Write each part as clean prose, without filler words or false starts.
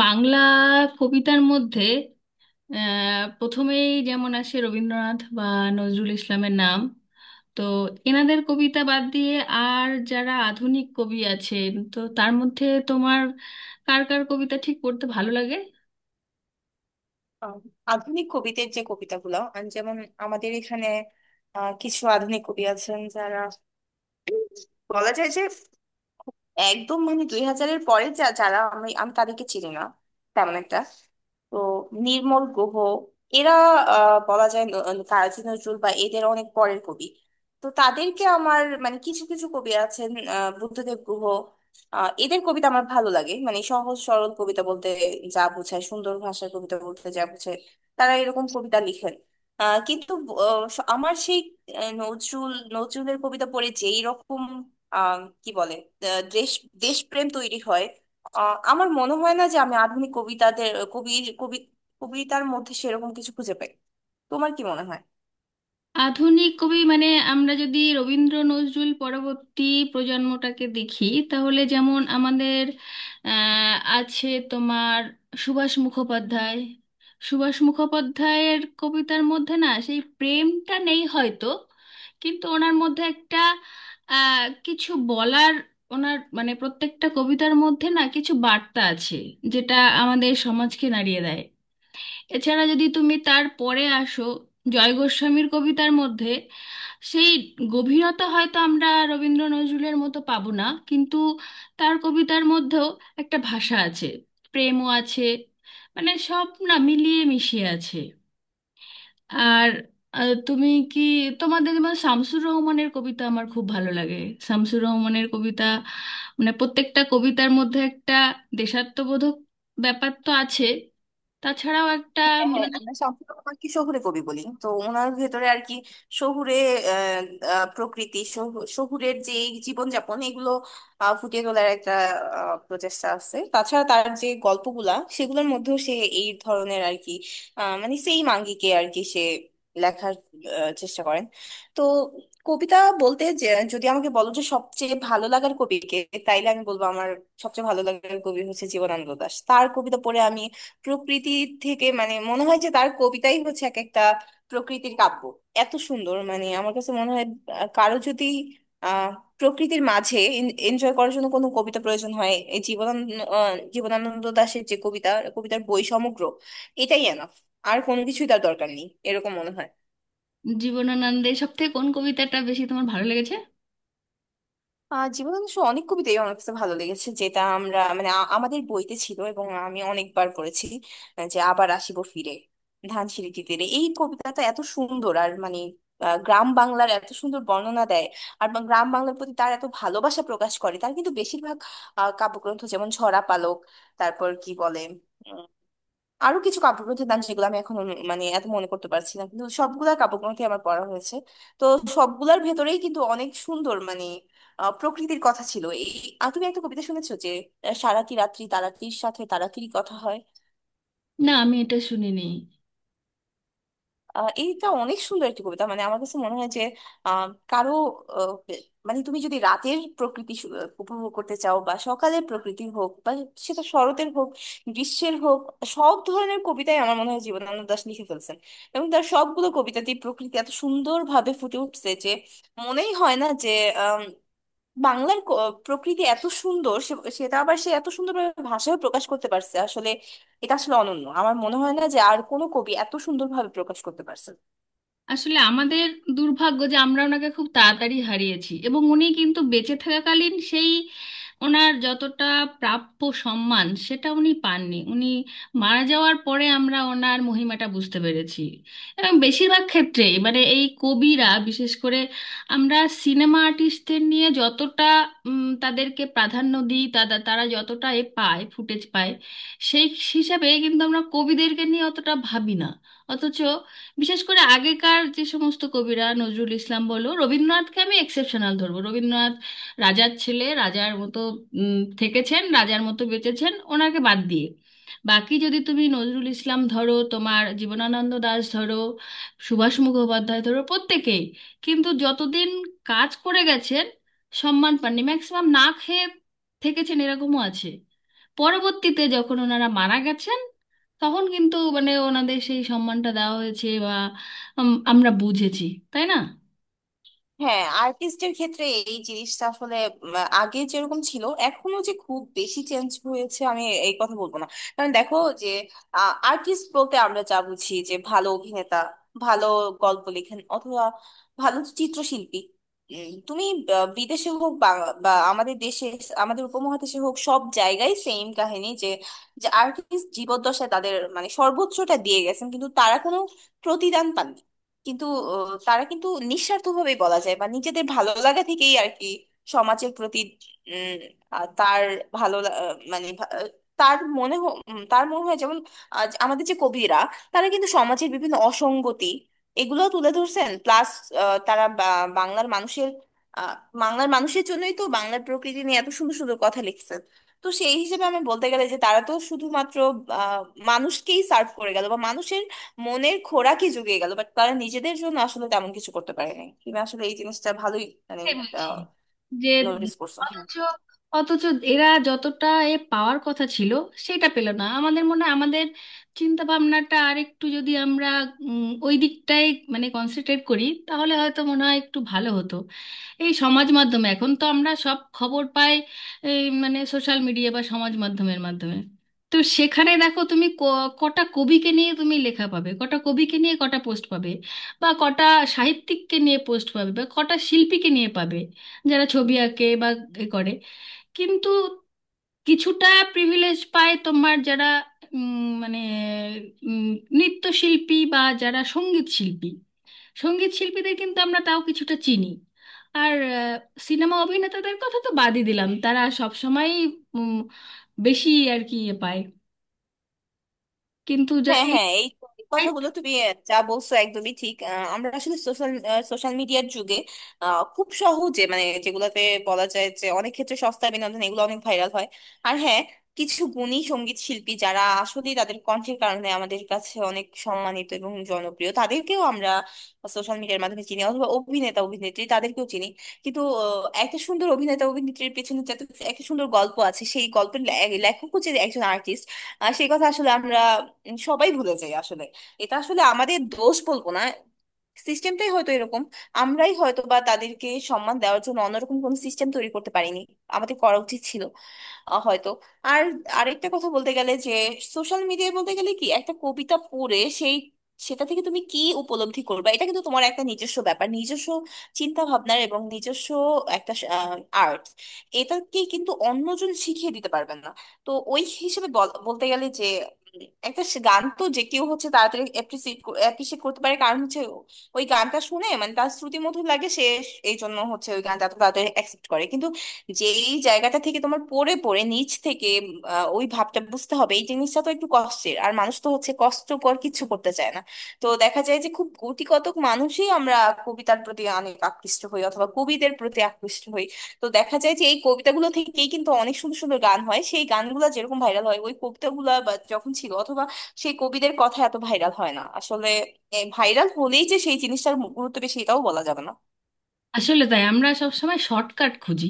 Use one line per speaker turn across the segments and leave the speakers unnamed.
বাংলা কবিতার মধ্যে প্রথমেই যেমন আসে রবীন্দ্রনাথ বা নজরুল ইসলামের নাম। তো এনাদের কবিতা বাদ দিয়ে আর যারা আধুনিক কবি আছেন, তো তার মধ্যে তোমার কার কার কবিতা ঠিক পড়তে ভালো লাগে?
আহ, আধুনিক কবিদের যে কবিতাগুলো যেমন আমাদের এখানে কিছু আধুনিক কবি আছেন যারা বলা যায় যে একদম মানে 2000-এর পরে যারা আমি আমি তাদেরকে চিনি না তেমন একটা। তো নির্মল গুহ, এরা বলা যায় কাজী নজরুল বা এদের অনেক পরের কবি। তো তাদেরকে আমার মানে কিছু কিছু কবি আছেন, বুদ্ধদেব গুহ, এদের কবিতা আমার ভালো লাগে। মানে সহজ সরল কবিতা বলতে যা বোঝায়, সুন্দর ভাষার কবিতা বলতে যা বোঝায়, তারা এরকম কবিতা লিখেন। কিন্তু আমার সেই নজরুলের কবিতা পড়ে যেই রকম আহ, কি বলে দেশ দেশপ্রেম তৈরি হয়। আমার মনে হয় না যে আমি আধুনিক কবিতাদের কবির কবি কবিতার মধ্যে সেরকম কিছু খুঁজে পাই। তোমার কি মনে হয়?
আধুনিক কবি মানে আমরা যদি রবীন্দ্র নজরুল পরবর্তী প্রজন্মটাকে দেখি তাহলে যেমন আমাদের আছে তোমার সুভাষ মুখোপাধ্যায়। সুভাষ মুখোপাধ্যায়ের কবিতার মধ্যে না সেই প্রেমটা নেই হয়তো, কিন্তু ওনার মধ্যে একটা কিছু বলার, ওনার মানে প্রত্যেকটা কবিতার মধ্যে না কিছু বার্তা আছে, যেটা আমাদের সমাজকে নাড়িয়ে দেয়। এছাড়া যদি তুমি তার পরে আসো, জয় গোস্বামীর কবিতার মধ্যে সেই গভীরতা হয়তো আমরা রবীন্দ্র নজরুলের মতো পাবো না, কিন্তু তার কবিতার মধ্যেও একটা ভাষা আছে, প্রেমও আছে, মানে সব না মিলিয়ে মিশিয়ে আছে। আর আহ, তুমি কি তোমাদের যেমন শামসুর রহমানের কবিতা আমার খুব ভালো লাগে। শামসুর রহমানের কবিতা মানে প্রত্যেকটা কবিতার মধ্যে একটা দেশাত্মবোধক ব্যাপার তো আছে, তাছাড়াও একটা
হ্যাঁ,
মানে
আমরা সম্পূর্ণ ওনাকে শহুরে কবি বলি তো ওনার ভেতরে আর কি শহুরে আহ, প্রকৃতি শহুরের যে জীবনযাপন এগুলো ফুটিয়ে তোলার একটা প্রচেষ্টা আছে। তাছাড়া তার যে গল্পগুলা সেগুলোর মধ্যেও সে এই ধরনের আর কি মানে সেইম আঙ্গিকে আর কি সে লেখার চেষ্টা করেন। তো কবিতা বলতে যে, যদি আমাকে বলো যে সবচেয়ে ভালো লাগার কবিকে, তাইলে আমি বলবো আমার সবচেয়ে ভালো লাগার কবি হচ্ছে জীবনানন্দ দাশ। তার কবিতা পড়ে আমি প্রকৃতি থেকে মানে মনে হয় যে তার কবিতাই হচ্ছে এক একটা প্রকৃতির কাব্য। এত সুন্দর, মানে আমার কাছে মনে হয় কারো যদি আহ প্রকৃতির মাঝে এনজয় করার জন্য কোনো কবিতা প্রয়োজন হয়, এই জীবনানন্দ জীবনানন্দ দাশের যে কবিতা, কবিতার বই সমগ্র, এটাই এনাফ। আর কোনো কিছুই তার দরকার নেই, এরকম মনে হয়।
জীবনানন্দের সব থেকে কোন কবিতাটা বেশি তোমার ভালো লেগেছে?
জীবনানন্দ সাহার অনেক কবিতাই আমার কাছে ভালো লেগেছে যেটা আমরা মানে আমাদের বইতে ছিল এবং আমি অনেকবার পড়েছি। যে আবার আসিব ফিরে ধানসিঁড়িটি তীরে, এই কবিতাটা এত সুন্দর। আর মানে গ্রাম বাংলার এত সুন্দর বর্ণনা দেয়। আর গ্রাম বাংলার প্রতি তার এত ভালোবাসা প্রকাশ করে। তার কিন্তু বেশিরভাগ কাব্যগ্রন্থ, যেমন ঝরা পালক, তারপর কি বলে আরো কিছু কাব্যগ্রন্থের নাম যেগুলো আমি এখন মানে এত মনে করতে পারছি না, কিন্তু সবগুলা কাব্যগ্রন্থই আমার পড়া হয়েছে। তো সবগুলার ভেতরেই কিন্তু অনেক সুন্দর মানে প্রকৃতির কথা ছিল। এই, আর তুমি একটা কবিতা শুনেছো যে সারাটি রাত্রি তারাটির সাথে তারাটির কথা হয়?
না, আমি এটা শুনিনি।
এইটা অনেক সুন্দর একটি কবিতা। মানে আমার কাছে মনে হয় যে কারো আহ, বে- মানে তুমি যদি রাতের প্রকৃতি উপভোগ করতে চাও, বা সকালের প্রকৃতি হোক, বা সেটা শরতের হোক, গ্রীষ্মের হোক, সব ধরনের কবিতাই আমার মনে হয় জীবনানন্দ দাশ লিখে ফেলছেন। এবং তার সবগুলো কবিতাতেই প্রকৃতি এত সুন্দরভাবে ফুটে উঠছে যে মনেই হয় না যে বাংলার প্রকৃতি এত সুন্দর। সে সেটা আবার সে এত সুন্দরভাবে ভাষায় প্রকাশ করতে পারছে আসলে। এটা আসলে অনন্য। আমার মনে হয় না যে আর কোনো কবি এত সুন্দরভাবে প্রকাশ করতে পারছে।
আসলে আমাদের দুর্ভাগ্য যে আমরা ওনাকে খুব তাড়াতাড়ি হারিয়েছি, এবং উনি কিন্তু বেঁচে থাকাকালীন সেই ওনার যতটা প্রাপ্য সম্মান সেটা উনি পাননি, উনি মারা যাওয়ার পরে আমরা ওনার মহিমাটা বুঝতে পেরেছি। এবং বেশিরভাগ ক্ষেত্রে এবারে এই কবিরা বিশেষ করে, আমরা সিনেমা আর্টিস্টদের নিয়ে যতটা তাদেরকে প্রাধান্য দিই, তারা তারা যতটা এ পায় ফুটেজ পায়, সেই হিসাবে কিন্তু আমরা কবিদেরকে নিয়ে অতটা ভাবি না। অথচ বিশেষ করে আগেকার যে সমস্ত কবিরা, নজরুল ইসলাম বলো, রবীন্দ্রনাথকে আমি এক্সেপশনাল ধরবো, রবীন্দ্রনাথ রাজার ছেলে রাজার মতো থেকেছেন, রাজার মতো বেঁচেছেন, ওনাকে বাদ দিয়ে বাকি যদি তুমি নজরুল ইসলাম ধরো, তোমার জীবনানন্দ দাশ ধরো, সুভাষ মুখোপাধ্যায় ধরো, প্রত্যেকেই কিন্তু যতদিন কাজ করে গেছেন সম্মান পাননি, ম্যাক্সিমাম না খেয়ে থেকেছেন, এরকমও আছে। পরবর্তীতে যখন ওনারা মারা গেছেন তখন কিন্তু মানে ওনাদের সেই সম্মানটা দেওয়া হয়েছে বা আমরা বুঝেছি, তাই না?
হ্যাঁ, আর্টিস্টের ক্ষেত্রে এই জিনিসটা আসলে উম, আগে যেরকম ছিল, এখনো যে খুব বেশি চেঞ্জ হয়েছে আমি এই কথা বলবো না। কারণ দেখো, যে আর্টিস্ট বলতে আমরা যা বুঝি, যে ভালো অভিনেতা, ভালো গল্প লেখেন, অথবা ভালো চিত্রশিল্পী, তুমি বিদেশে হোক বা বা আমাদের দেশে, আমাদের উপমহাদেশে হোক, সব জায়গায় সেম কাহিনী যে, যে আর্টিস্ট জীবদ্দশায় তাদের মানে সর্বোচ্চটা দিয়ে গেছেন, কিন্তু তারা কোনো প্রতিদান পাননি। কিন্তু তারা কিন্তু নিঃস্বার্থভাবেই বলা যায়, বা নিজেদের ভালো লাগা থেকেই আর কি সমাজের প্রতি উম, তার মানে তার তার মনে হয় যেমন আজ আমাদের যে কবিরা, তারা কিন্তু সমাজের বিভিন্ন অসঙ্গতি এগুলো তুলে ধরছেন। প্লাস তারা বাংলার মানুষের আহ, বাংলার মানুষের জন্যই তো বাংলার প্রকৃতি নিয়ে এত সুন্দর সুন্দর কথা লিখছেন। তো সেই হিসেবে আমি বলতে গেলে যে তারা তো শুধুমাত্র আহ, মানুষকেই সার্ভ করে গেল, বা মানুষের মনের খোরাকই জুগিয়ে গেল। বাট তারা নিজেদের জন্য আসলে তেমন কিছু করতে পারেনি। তুমি আসলে এই জিনিসটা ভালোই মানে
সেটাই বলছি যে
নোটিস করছো? হ্যাঁ,
অথচ অথচ এরা যতটা এ পাওয়ার কথা ছিল সেটা পেল না, আমাদের মনে হয় আমাদের চিন্তা ভাবনাটা আর একটু যদি আমরা ওই দিকটাই মানে কনসেন্ট্রেট করি তাহলে হয়তো মনে হয় একটু ভালো হতো। এই সমাজ মাধ্যমে এখন তো আমরা সব খবর পাই, এই মানে সোশ্যাল মিডিয়া বা সমাজ মাধ্যমের মাধ্যমে। তো সেখানে দেখো তুমি, কটা কবিকে নিয়ে তুমি লেখা পাবে, কটা কবিকে নিয়ে কটা পোস্ট পাবে, বা কটা সাহিত্যিককে নিয়ে পোস্ট পাবে, বা কটা শিল্পীকে নিয়ে পাবে যারা ছবি আঁকে বা এ করে, কিন্তু কিছুটা প্রিভিলেজ পায় তোমার যারা উম, মানে উম, নৃত্যশিল্পী বা যারা সঙ্গীত শিল্পী। সঙ্গীত শিল্পীদের কিন্তু আমরা তাও কিছুটা চিনি। আর সিনেমা অভিনেতাদের কথা তো বাদই দিলাম, তারা সবসময়ই উম, বেশি আর কি ইয়ে পায়। কিন্তু যা
হ্যাঁ, হ্যাঁ, এই তো, এই
এই
কথাগুলো তুমি যা বলছো একদমই ঠিক। আমরা আসলে সোশ্যাল সোশ্যাল মিডিয়ার যুগে খুব সহজে, মানে যেগুলোতে বলা যায় যে অনেক ক্ষেত্রে সস্তা বিনোদন, এগুলো অনেক ভাইরাল হয়। আর হ্যাঁ, কিছু গুণী সঙ্গীত শিল্পী যারা আসলে তাদের কণ্ঠের কারণে আমাদের কাছে অনেক সম্মানিত এবং জনপ্রিয়, তাদেরকেও আমরা সোশ্যাল মিডিয়ার মাধ্যমে চিনি, অথবা অভিনেতা অভিনেত্রী তাদেরকেও চিনি। কিন্তু একটা সুন্দর অভিনেতা অভিনেত্রীর পেছনে যাতে একটা সুন্দর গল্প আছে, সেই গল্পের লেখকও যে একজন আর্টিস্ট, সেই কথা আসলে আমরা সবাই ভুলে যায় আসলে। এটা আসলে আমাদের দোষ বলবো না, সিস্টেমটাই হয়তো এরকম। আমরাই হয়তো বা তাদেরকে সম্মান দেওয়ার জন্য অন্যরকম কোন সিস্টেম তৈরি করতে পারিনি, আমাদের করা উচিত ছিল হয়তো। আর আরেকটা কথা বলতে গেলে যে সোশ্যাল মিডিয়ায় বলতে গেলে কি, একটা কবিতা পড়ে সেই, সেটা থেকে তুমি কি উপলব্ধি করবে, এটা কিন্তু তোমার একটা নিজস্ব ব্যাপার, নিজস্ব চিন্তা ভাবনার, এবং নিজস্ব একটা আর্ট। এটাকে কিন্তু অন্যজন শিখিয়ে দিতে পারবেন না। তো ওই হিসেবে বলতে গেলে যে একটা সে গান তো যে কেউ হচ্ছে তাড়াতাড়ি অ্যাপ্রিসিয়েট অ্যাপ্রিসিয়েট করতে পারে, কারণ হচ্ছে ওই গানটা শুনে মানে তার শ্রুতি মধুর লাগে। সে এই জন্য হচ্ছে ওই গানটা এত তাড়াতাড়ি অ্যাকসেপ্ট করে, কিন্তু যেই জায়গাটা থেকে তোমার পড়ে পড়ে নিচ থেকে ওই ভাবটা বুঝতে হবে, এই জিনিসটা তো একটু কষ্টের। আর মানুষ তো হচ্ছে কষ্টকর কিছু করতে চায় না। তো দেখা যায় যে খুব গুটিকতক মানুষই আমরা কবিতার প্রতি অনেক আকৃষ্ট হই, অথবা কবিদের প্রতি আকৃষ্ট হই। তো দেখা যায় যে এই কবিতাগুলো থেকেই কিন্তু অনেক সুন্দর সুন্দর গান হয়, সেই গানগুলো যেরকম ভাইরাল হয়, ওই কবিতাগুলো বা যখন ছিল অথবা সেই কবিদের কথা এত ভাইরাল হয় না আসলে। ভাইরাল হলেই যে সেই জিনিসটার গুরুত্ব বেশি, এটাও বলা যাবে না।
আসলে তাই, আমরা সব সময় শর্টকাট খুঁজি,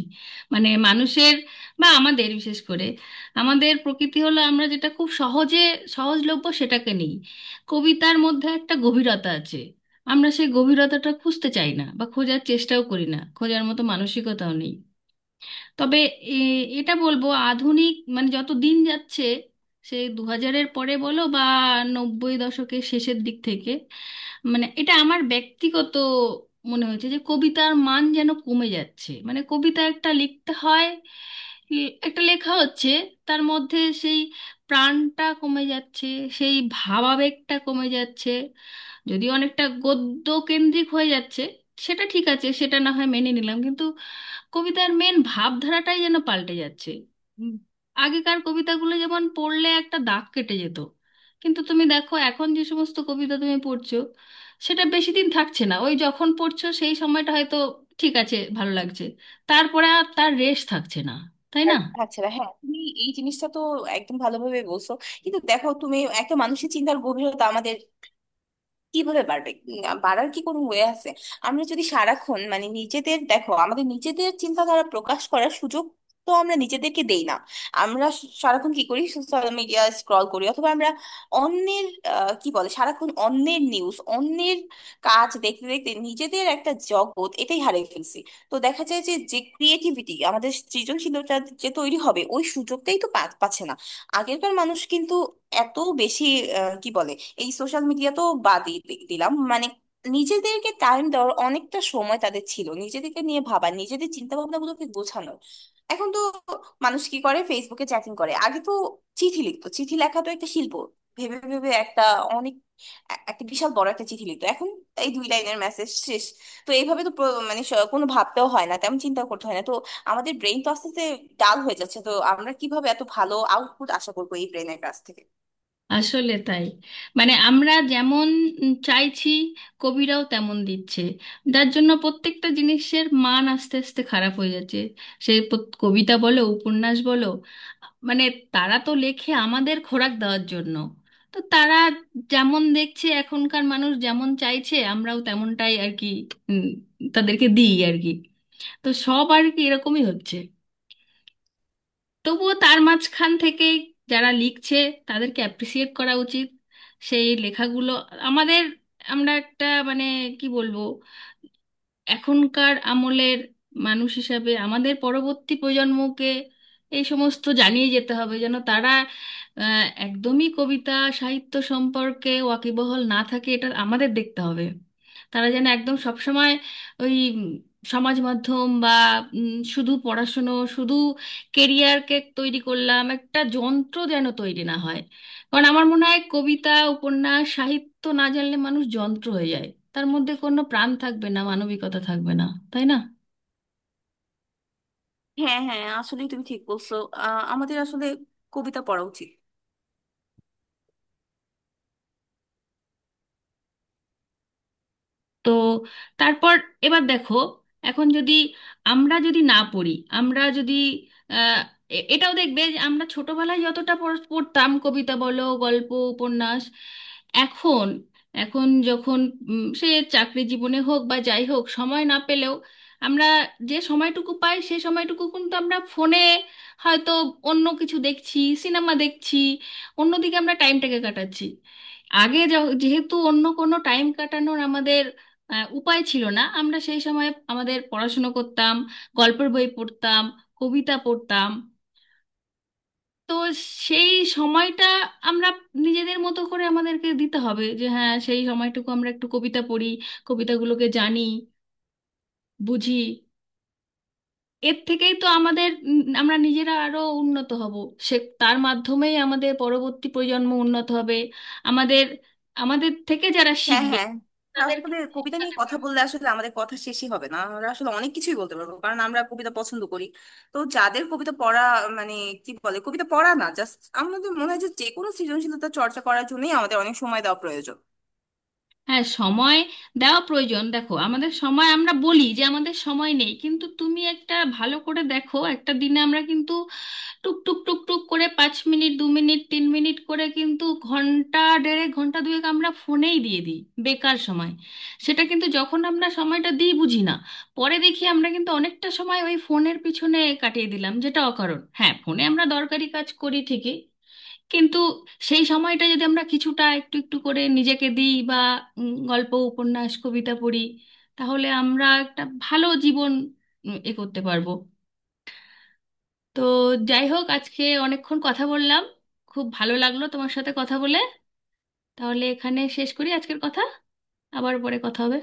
মানে মানুষের বা আমাদের বিশেষ করে আমাদের প্রকৃতি হলো আমরা যেটা খুব সহজে সহজলভ্য সেটাকে নিই। কবিতার মধ্যে একটা গভীরতা আছে, আমরা সেই গভীরতাটা খুঁজতে চাই না বা খোঁজার চেষ্টাও করি না, খোঁজার মতো মানসিকতাও নেই। তবে এটা বলবো, আধুনিক মানে যত দিন যাচ্ছে, সে 2000-এর পরে বলো বা 90-এর দশকের শেষের দিক থেকে, মানে এটা আমার ব্যক্তিগত মনে হয়েছে যে কবিতার মান যেন কমে যাচ্ছে। মানে কবিতা একটা লিখতে হয়, একটা লেখা হচ্ছে, তার মধ্যে সেই প্রাণটা কমে যাচ্ছে, সেই ভাবাবেগটা কমে যাচ্ছে, যদি অনেকটা গদ্য কেন্দ্রিক হয়ে যাচ্ছে সেটা ঠিক আছে, সেটা না হয় মেনে নিলাম, কিন্তু কবিতার মেন ভাবধারাটাই যেন পাল্টে যাচ্ছে। উম, আগেকার কবিতাগুলো যেমন পড়লে একটা দাগ কেটে যেত, কিন্তু তুমি দেখো এখন যে সমস্ত কবিতা তুমি পড়ছো সেটা বেশি দিন থাকছে না, ওই যখন পড়ছো সেই সময়টা হয়তো ঠিক আছে, ভালো লাগছে, তারপরে আর তার রেশ থাকছে না, তাই না?
আর থাকছে না, হ্যাঁ। তুমি এই জিনিসটা তো একদম ভালোভাবে বলছো। কিন্তু দেখো, তুমি একটা মানুষের চিন্তার গভীরতা কিভাবে বাড়বে, বাড়ার কি কোনো ওয়ে আছে? আমরা যদি সারাক্ষণ মানে নিজেদের, দেখো আমাদের নিজেদের চিন্তাধারা প্রকাশ করার সুযোগ তো আমরা নিজেদেরকে দেই না। আমরা সারাক্ষণ কি করি, সোশ্যাল মিডিয়া স্ক্রল করি, অথবা আমরা অন্যের কি বলে, সারাক্ষণ অন্যের নিউজ, অন্যের কাজ দেখতে দেখতে নিজেদের একটা জগৎ এটাই হারিয়ে ফেলছি। তো দেখা যায় যে যে ক্রিয়েটিভিটি, আমাদের সৃজনশীলতা যে তৈরি হবে, ওই সুযোগটাই তো পাচ্ছে না। আগেরকার মানুষ কিন্তু এত বেশি কি বলে, এই সোশ্যাল মিডিয়া তো বাদই দিলাম, মানে নিজেদেরকে টাইম দেওয়ার অনেকটা সময় তাদের ছিল, নিজেদেরকে নিয়ে ভাবা, নিজেদের চিন্তা ভাবনা গুলোকে গোছানোর। এখন তো মানুষ কি করে, ফেসবুকে চ্যাটিং করে। আগে তো চিঠি লিখতো, চিঠি লেখা তো একটা শিল্প, ভেবে ভেবে একটা অনেক একটা বিশাল বড় একটা চিঠি লিখতো। এখন এই দুই লাইনের মেসেজ শেষ। তো এইভাবে তো মানে কোনো ভাবতেও হয় না, তেমন চিন্তা করতে হয় না। তো আমাদের ব্রেন তো আস্তে আস্তে ডাল হয়ে যাচ্ছে। তো আমরা কিভাবে এত ভালো আউটপুট আশা করবো এই ব্রেনের কাছ থেকে?
আসলে তাই, মানে আমরা যেমন চাইছি কবিরাও তেমন দিচ্ছে, যার জন্য প্রত্যেকটা জিনিসের মান আস্তে আস্তে খারাপ হয়ে যাচ্ছে, সে কবিতা বলো উপন্যাস বলো। মানে তারা তো লেখে আমাদের খোরাক দেওয়ার জন্য, তো তারা যেমন দেখছে এখনকার মানুষ যেমন চাইছে আমরাও তেমনটাই আর কি উম, তাদেরকে দিই আর কি, তো সব আর কি এরকমই হচ্ছে। তবুও তার মাঝখান থেকে যারা লিখছে তাদেরকে অ্যাপ্রিসিয়েট করা উচিত, সেই লেখাগুলো আমাদের, আমরা একটা মানে কি বলবো, এখনকার আমলের মানুষ হিসাবে আমাদের পরবর্তী প্রজন্মকে এই সমস্ত জানিয়ে যেতে হবে যেন তারা একদমই কবিতা সাহিত্য সম্পর্কে ওয়াকিবহাল না থাকে, এটা আমাদের দেখতে হবে। তারা যেন একদম সবসময় ওই সমাজ মাধ্যম বা শুধু পড়াশুনো শুধু কেরিয়ারকে তৈরি করলাম একটা যন্ত্র যেন তৈরি না হয়। কারণ আমার মনে হয় কবিতা উপন্যাস সাহিত্য না জানলে মানুষ যন্ত্র হয়ে যায়, তার মধ্যে কোনো প্রাণ থাকবে না, মানবিকতা থাকবে না, তাই না?
হ্যাঁ, হ্যাঁ, আসলে তুমি ঠিক বলছো, আমাদের আসলে কবিতা পড়া উচিত।
তো তারপর এবার দেখো, এখন যদি আমরা যদি না পড়ি, আমরা যদি আহ, এটাও দেখবে যে আমরা ছোটবেলায় যতটা পড়তাম কবিতা বলো গল্প উপন্যাস, এখন, এখন যখন সে চাকরি জীবনে হোক বা যাই হোক সময় না পেলেও আমরা যে সময়টুকু পাই সে সময়টুকু কিন্তু আমরা ফোনে হয়তো অন্য কিছু দেখছি সিনেমা দেখছি, অন্যদিকে আমরা টাইমটাকে কাটাচ্ছি। আগে যেহেতু অন্য কোনো টাইম কাটানোর আমাদের উপায় ছিল না, আমরা সেই সময় আমাদের পড়াশুনো করতাম, গল্পের বই পড়তাম, কবিতা পড়তাম। তো সেই সময়টা আমরা নিজেদের মতো করে আমাদেরকে দিতে হবে, যে হ্যাঁ সেই সময়টুকু আমরা একটু কবিতা পড়ি, কবিতাগুলোকে জানি, বুঝি, এর থেকেই তো আমাদের আমরা নিজেরা আরো উন্নত হব, সে তার মাধ্যমেই আমাদের পরবর্তী প্রজন্ম উন্নত হবে, আমাদের আমাদের থেকে যারা
হ্যাঁ,
শিখবে
হ্যাঁ,
তাদেরকে
আসলে কবিতা নিয়ে
শেখাতে
কথা
পারবে।
বললে আসলে আমাদের কথা শেষই হবে না। আমরা আসলে অনেক কিছুই বলতে পারবো, কারণ আমরা কবিতা পছন্দ করি। তো যাদের কবিতা পড়া মানে কি বলে, কবিতা পড়া না, জাস্ট আমাদের মনে হয় যে যে কোনো সৃজনশীলতা চর্চা করার জন্যই আমাদের অনেক সময় দেওয়া প্রয়োজন।
হ্যাঁ সময় দেওয়া প্রয়োজন, দেখো আমাদের সময়, আমরা বলি যে আমাদের সময় নেই কিন্তু তুমি একটা ভালো করে দেখো, একটা দিনে আমরা কিন্তু টুক টুক টুক টুক করে 5 মিনিট 2 মিনিট 3 মিনিট করে কিন্তু ঘন্টা দেড়েক ঘন্টা দুয়েক আমরা ফোনেই দিয়ে দিই, বেকার সময়। সেটা কিন্তু যখন আমরা সময়টা দিই বুঝি না, পরে দেখি আমরা কিন্তু অনেকটা সময় ওই ফোনের পিছনে কাটিয়ে দিলাম যেটা অকারণ। হ্যাঁ ফোনে আমরা দরকারি কাজ করি ঠিকই, কিন্তু সেই সময়টা যদি আমরা কিছুটা একটু একটু করে নিজেকে দিই বা গল্প উপন্যাস কবিতা পড়ি, তাহলে আমরা একটা ভালো জীবন এ করতে পারবো। তো যাই হোক, আজকে অনেকক্ষণ কথা বললাম, খুব ভালো লাগলো তোমার সাথে কথা বলে, তাহলে এখানে শেষ করি আজকের কথা, আবার পরে কথা হবে।